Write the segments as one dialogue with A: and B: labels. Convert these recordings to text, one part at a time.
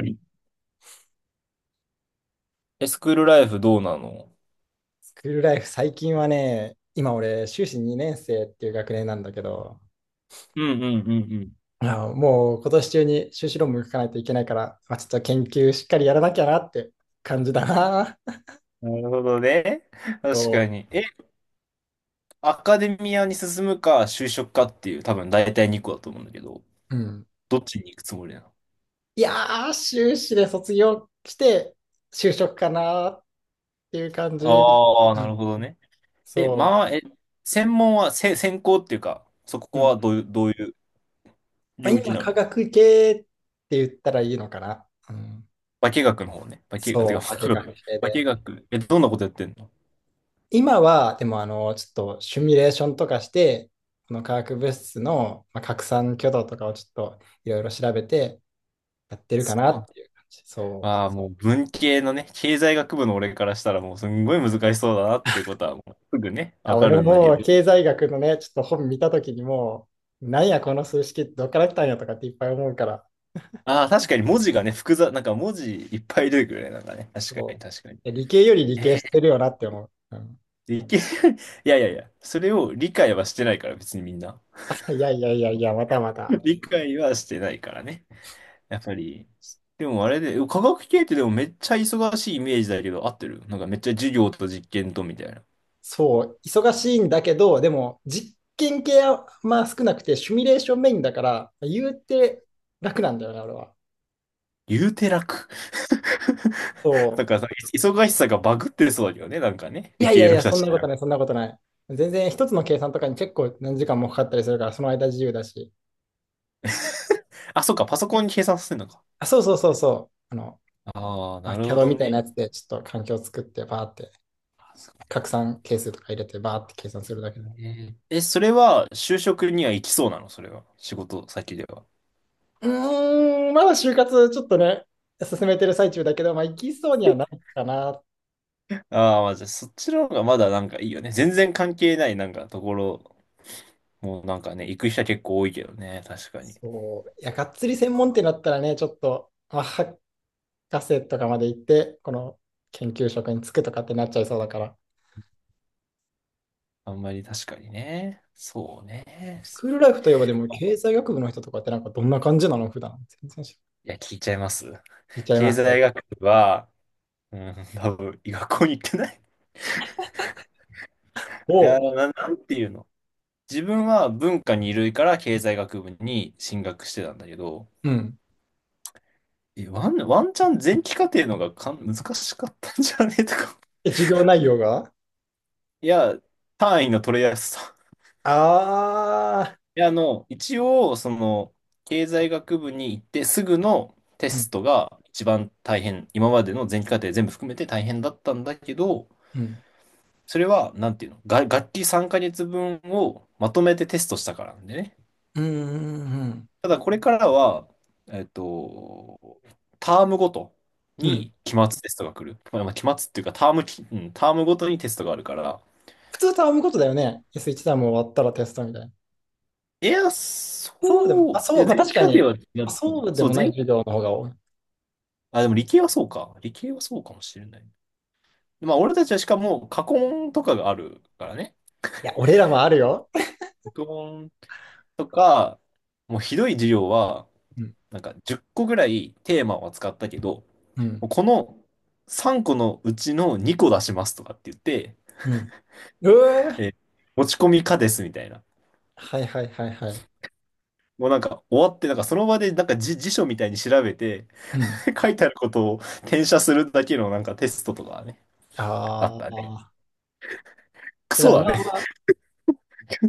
A: りスクールライフどうなの？
B: スクールライフ、最近はね、今俺、修士2年生っていう学年なんだけど、
A: うんうんうん。
B: あ、もう今年中に修士論文書かないといけないから、まあ、ちょっと研究しっかりやらなきゃなって感じだな。
A: うん、なるほどね。確か
B: そ
A: に。アカデミアに進むか、就職かっていう、多分大体2個だと思うんだけど、
B: う。うん。
A: どっちに行くつもりなの？
B: いやー、修士で卒業して、就職かなっていう感じ。う
A: ああー、なる
B: ん、
A: ほどね。え、
B: そ
A: まあ、え、専門は、専攻っていうか、そ
B: う。
A: こ
B: う
A: は
B: ん。
A: どういう、
B: まあ、
A: 領域
B: 今、
A: なの？
B: 科学系って言ったらいいのかな。うん、
A: 化学の方ね。化学、あ、て
B: そ
A: か、
B: う、化学系
A: 化
B: で。
A: 学、どんなことやってんの？
B: 今は、でも、ちょっとシミュレーションとかして、この化学物質のまあ拡散挙動とかをちょっといろいろ調べてやってるか
A: そ
B: な
A: う。
B: っていう感じ。そう。
A: まあもう文系のね、経済学部の俺からしたらもうすんごい難しそうだなっていうことはもうすぐね、
B: あ、
A: わか
B: 俺も
A: るんだ
B: も
A: け
B: う
A: ど。
B: 経済学のね、ちょっと本見たときにもう、なんやこの数式ってどっから来たんやとかっていっぱい思うから、
A: ああ、確かに文字がね、複雑、なんか文字いっぱい出てくるね、なんかね。確かに
B: そ
A: 確かに。
B: う。え、理系より理系
A: え
B: してるよなって思う。うん、
A: いやいやいや、それを理解はしてないから別にみんな。
B: いやいやいやいや、またまた。
A: 理解はしてないからね。やっぱり。でもあれで、科学系ってでもめっちゃ忙しいイメージだけど、合ってる？なんかめっちゃ授業と実験とみたいな。
B: そう、忙しいんだけど、でも実験系はまあ少なくて、シミュレーションメインだから、言うて楽なんだよね、俺は。
A: 言うて楽。
B: そ
A: だからさ、忙しさがバグってそうだけどね、なんかね。
B: う。い
A: 理
B: やい
A: 系
B: やい
A: の
B: や、
A: 人た
B: そん
A: ちっ
B: な
A: て。
B: ことない、そんなことない。全然一つの計算とかに結構何時間もかかったりするから、その間自由だし。
A: あ、そっか、パソコンに計算させるのか。
B: あ、そうそうそうそう。
A: ああ、
B: ま
A: な
B: あ、
A: るほ
B: CAD
A: ど
B: みたいな
A: ね。
B: やつでちょっと環境を作って、バーって
A: あ、そう。
B: 拡散係数とか入れて、バーって計算するだけだ。
A: ねえ、それは就職には行きそうなの？それは、仕事先では。
B: うーん、まだ就活ちょっとね、進めてる最中だけど、まあ、行きそうにはないかなっ。
A: ああ、まあ、じゃあそっちの方がまだなんかいいよね。全然関係ないなんかところ、もうなんかね、行く人は結構多いけどね。確かに。
B: そう。いや、がっつり専門店だったらね、ちょっと、まあ、博士とかまで行って、この研究職に就くとかってなっちゃいそうだから。
A: あんまり確かにね。そうね。
B: スクールライフといえば、でも経済学部の人とかってなんかどんな感じなの普段。全然知らな
A: いや、聞いちゃいます。
B: い。聞いちゃい
A: 経
B: ます。
A: 済学部は、うん、多分、学校に行ってない。いや、
B: おう。
A: なんていうの？自分は文化二類から経済学部に進学してたんだけど、
B: うん。
A: ワンチャン前期課程のが難しかったんじゃねえとか。
B: え、授業内容が。
A: いや、単位の取りやすさ。
B: ああ
A: いや、あの、一応、その、経済学部に行ってすぐのテ
B: ー。う
A: ス
B: ん。
A: トが一番大変、今までの前期課程全部含めて大変だったんだけど、
B: うん。
A: それは、なんていうのが、学期3ヶ月分をまとめてテストしたからなんでね。
B: うんうん
A: ただこれからは、えっと、タームごと
B: うん。うん。
A: に期末テストが来る。まあ期末っていうかタームき、うん、タームごとにテストがあるから。
B: 普通と編むことだよね。S1 ターム終わったらテストみたいな。
A: いや、そ
B: そうでも、あ、
A: う、い
B: そう、
A: や、
B: ま
A: 前
B: あ確
A: 期
B: か
A: 課
B: に、
A: 程は、いや。
B: そうで
A: そう、
B: もない授業の方が多い。い
A: あ、でも理系はそうか。理系はそうかもしれない。まあ、俺たちはしかも過去問とかがあるからね。
B: や、俺らもあるよ。
A: 過去問とか、もうひどい授業は、
B: うん。
A: なんか10個ぐらいテーマを扱ったけど、
B: うん。
A: もうこの3個のうちの2個出しますとかって言って、
B: うん。うー、
A: えー持ち込み可ですみたいな。
B: はいはいはいはい。
A: もうなんか終わって、なんかその場でなんか辞書みたいに調べて
B: うん。
A: 書いてあることを転写するだけのなんかテストとかね、あっ
B: あ
A: たね。
B: あ。
A: ク
B: じゃ
A: ソ
B: あ
A: だ
B: まあ
A: ね。
B: まあ、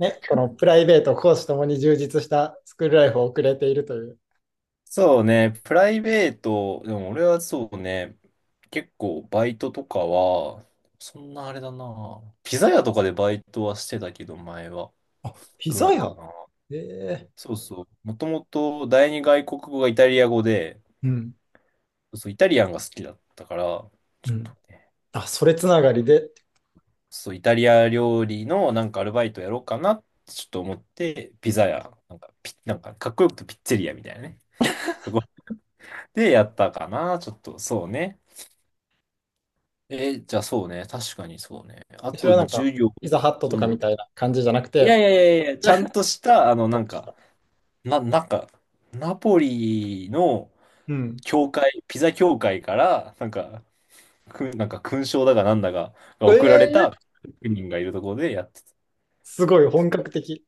B: ね、このプライベート、講師ともに充実したスクールライフを送れているという。
A: そうね、プライベート、でも俺はそうね、結構バイトとかは、そんなあれだな。ピザ屋とかでバイトはしてたけど、前は。
B: あ、
A: ぐら
B: 膝
A: いか
B: 屋。
A: な。
B: ええ。
A: そうそう。もともと第二外国語がイタリア語で、
B: うん。
A: そう、イタリアンが好きだったから、ち
B: う
A: ょっと
B: ん。
A: ね
B: あ、それつながりで、
A: そう、イタリア料理のなんかアルバイトやろうかなってちょっと思って、ピザ屋、なんかピ、なんかかっこよくてピッツェリアみたいなね。ごで、やったかな、ちょっと、そうね。じゃあそうね、確かにそうね。あ
B: それ
A: と、
B: は
A: ま
B: な
A: あ
B: ん
A: 重
B: か、
A: 量、
B: ピザハットと
A: う
B: かみ
A: ん。
B: たいな感じじゃなく
A: いや
B: て、
A: いやいやいや、ちゃんとした、あの、
B: や
A: な
B: っ
A: ん
B: てき
A: か、
B: た。
A: なんか、ナポリの
B: うん。
A: 教会、ピザ教会から、なんか、なんか勲章だかなんだかが送られ
B: え
A: た
B: え、
A: 職人がいるところでやって。
B: すごい本格的。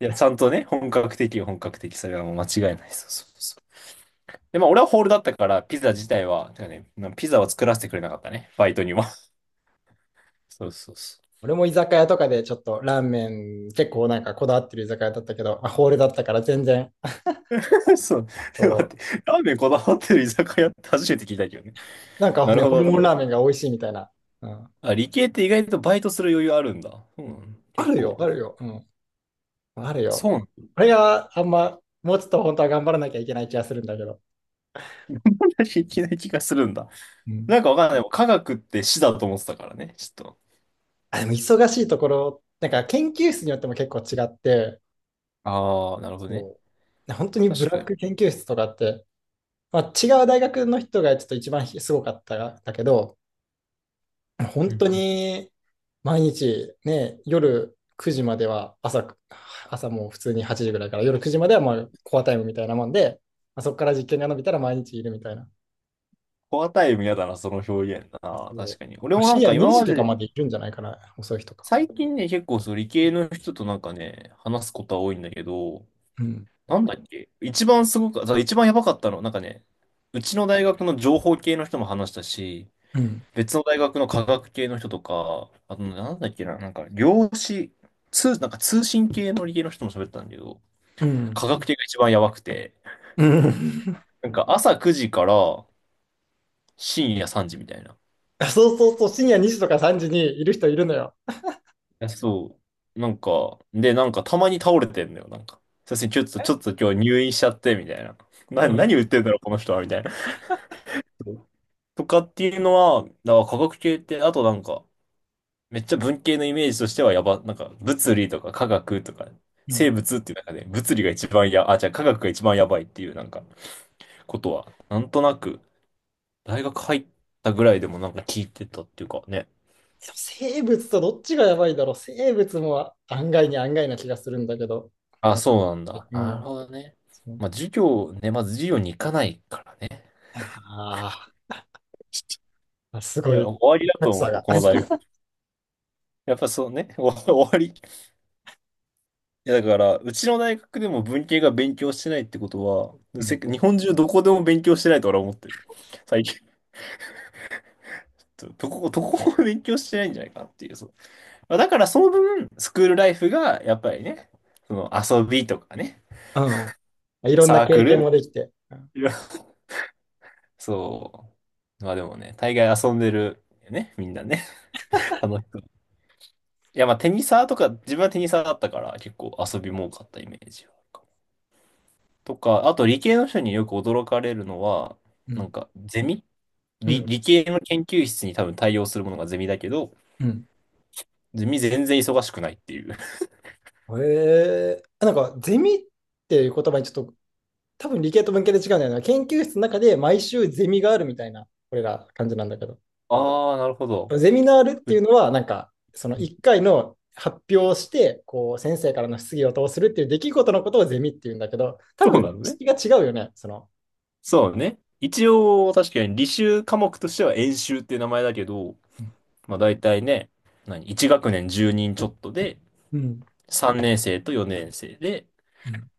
A: いや、ちゃんとね、本格的、本格的、それはもう間違いない。そうそうそう。で、まあ、俺はホールだったから、ピザ自体は、てかね、ピザは作らせてくれなかったね、バイトには。そうそうそ
B: 俺も居酒屋とかでちょっとラーメン結構なんかこだわってる居酒屋だったけど、まあ、ホールだったから全然、
A: う。そう。で待っ
B: そう。
A: て、ラーメンこだわってる居酒屋って初めて聞いたけどね。
B: なんか
A: なる
B: ね、
A: ほ
B: ホル
A: ど
B: モン
A: ね。
B: ラーメンが美味しいみたいな。うん。
A: あ、理系って意外とバイトする余裕あるんだ。うん。
B: あ
A: 結
B: る
A: 構。
B: よ、あるよ。うん。ある
A: そ
B: よ。
A: うなんだ。
B: あれがあんま、もうちょっと本当は頑張らなきゃいけない気がするんだけど。
A: いきな気がするんだ。
B: うん。
A: なんかわかんない。科学って死だと思ってたからね、ちょっと。
B: あ、でも忙しいところ、なんか研究室によっても結構違って、
A: ああ、なるほどね。
B: そう。本当にブ
A: 確
B: ラ
A: か
B: ッ
A: に。
B: ク研究室とかって、まあ、違う大学の人がちょっと一番すごかったんだけど、本
A: う
B: 当
A: んうん。
B: に毎日ね、夜9時までは朝もう普通に8時ぐらいから夜9時まではまあコアタイムみたいなもんで、まあ、そこから実験が伸びたら毎日いるみたいな。
A: コアタイム嫌だな、その表現だな。
B: そ
A: 確
B: う、
A: かに。俺
B: まあ
A: もな
B: 深
A: んか
B: 夜
A: 今
B: 2時
A: ま
B: とか
A: で
B: までいるんじゃないかな、遅い日とか。
A: 最近ね、結構その理系の人となんかね、話すことは多いんだけど、
B: うん。
A: なんだっけ一番すごく、そう一番やばかったの、なんかね、うちの大学の情報系の人も話したし、
B: うん。
A: 別の大学の科学系の人とか、あとねなんだっけな、なんか量子、なんか通信系の理系の人も喋ったんだけど、
B: うん。
A: 科学系が一番やばくて、
B: うん
A: なんか朝9時から深夜3時みたいな。
B: そうそうそう、深夜2時とか3時にいる人いるのよ。
A: や、そう。なんか、で、なんかたまに倒れてんだよ、なんか。さすがにちょっと今日入院しちゃって、みたいな。
B: う
A: な、
B: ん。
A: 何言ってんだろう、この人は、みたいな。そうとかっていうのは、だから科学系って、あとなんか、めっちゃ文系のイメージとしてはなんか、物理とか科学とか、
B: う
A: 生
B: ん、
A: 物っていう中で、物理が一番あ、じゃあ科学が一番やばいっていう、なんか、ことは、なんとなく、大学入ったぐらいでもなんか聞いてたっていうかね。
B: でも生物とどっちがやばいだろう。生物も案外な気がするんだけど。
A: あ、そうなんだ。
B: う
A: なる
B: ん。
A: ほどね。
B: そう。
A: まあ、授業ね、まず授業に行かないからね。
B: ああ。あ、す
A: い
B: ご
A: や、
B: い、
A: 終わりだと
B: 格差
A: 思う、
B: が。
A: この大学。やっぱそうね、お終わり。いや、だから、うちの大学でも文系が勉強してないってことは、
B: うん。
A: 日本中どこでも勉強してないと俺は思ってる。最近。どこも勉強してないんじゃないかなっていう。そう。まあだからその分、スクールライフが、やっぱりね、その遊びとかね、
B: うん。いろんな
A: サー
B: 経
A: ク
B: 験
A: ル。
B: もできて。うん。
A: いやそう。まあでもね、大概遊んでるよね、みんなね。楽しそう。いや、まあテニサーとか、自分はテニサーだったから、結構遊びも多かったイメージは。とか、あと理系の人によく驚かれるのは、
B: う
A: なん
B: ん。
A: か、ゼミ
B: うん。
A: 理系の研究室に多分対応するものがゼミだけど、
B: うん、
A: ゼミ全然忙しくないっていう。
B: なんか、ゼミっていう言葉にちょっと、多分理系と文系で違うんだよな。研究室の中で毎週ゼミがあるみたいな、これら感じなんだけど。
A: ああ、なるほど。
B: ゼミナールっ
A: う
B: ていうのは、なんか、その1回の発表をして、こう、先生からの質疑応答をするっていう出来事のことをゼミっていうんだけど、多
A: そう
B: 分、
A: なのね。
B: 質が違うよね、その。
A: そうね。一応、確かに履修科目としては演習っていう名前だけど、
B: うん。
A: まあ大体ね、1学年10人ちょっとで、
B: うん。
A: 3年生と4年生で、
B: うん。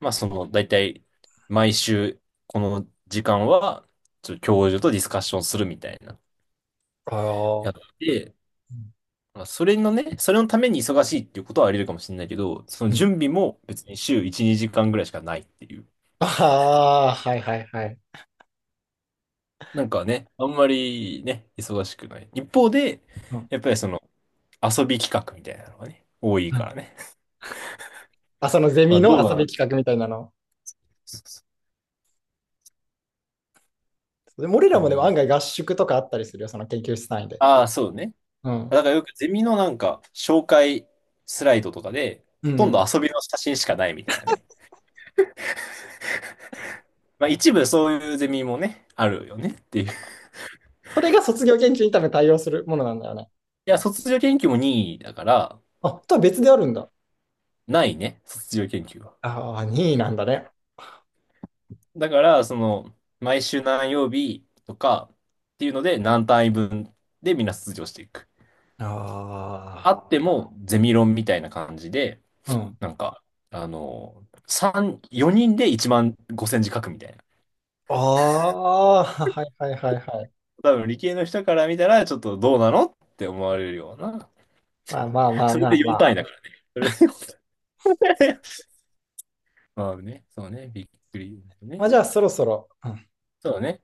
A: まあその大体、毎週この時間は、ちょっと教授とディスカッションするみたいな。
B: あ
A: や
B: あ。
A: って、
B: うん。
A: まあ、それのために忙しいっていうことはあり得るかもしれないけど、その準備も別に週1、2時間ぐらいしかないっていう。
B: ああ、はいはいはい。
A: なんかね、あんまりね、忙しくない。一方で、
B: うん。
A: やっぱりその遊び企画みたいなのがね、多い
B: う
A: か
B: ん。
A: らね。
B: あ、そのゼ
A: ま
B: ミ
A: あ
B: の
A: どう
B: 遊
A: だ
B: び
A: な。
B: 企画みたいなの。
A: そうそう。
B: でも俺ら
A: ゼ
B: もでも案
A: ミ。
B: 外合宿とかあったりするよ、その研究室単位で。
A: ああ、そうね。
B: うん。
A: だからよくゼミのなんか紹介スライドとかで、
B: う
A: ほとん
B: ん。
A: ど遊びの写真しかないみたいなね。まあ一部そういうゼミもね、あるよねっていう。
B: それが卒業研究に多分対応するものなんだよね。
A: いや、卒業研究も任意だから、
B: あ、とは別であるんだ。
A: ないね、卒業研究は。
B: ああ、任なんだね。
A: だから、その、毎週何曜日とかっていうので、何単位分でみんな卒業していく。あ
B: あ
A: っても、ゼミ論みたいな感じで、
B: あ、うん。
A: なんか、あの、3、4人で1万5千字書くみたいな。
B: ああ、はいはいはいはい。
A: 多分理系の人から見たら、ちょっとどうなのって思われるような。
B: まあまあまあ
A: それ
B: ま
A: で
B: あま
A: 4
B: あ。
A: 単位だからね。それでよん単位 まあね、そうね、びっくりね。
B: まあじゃあそろそろ、うん
A: そうね。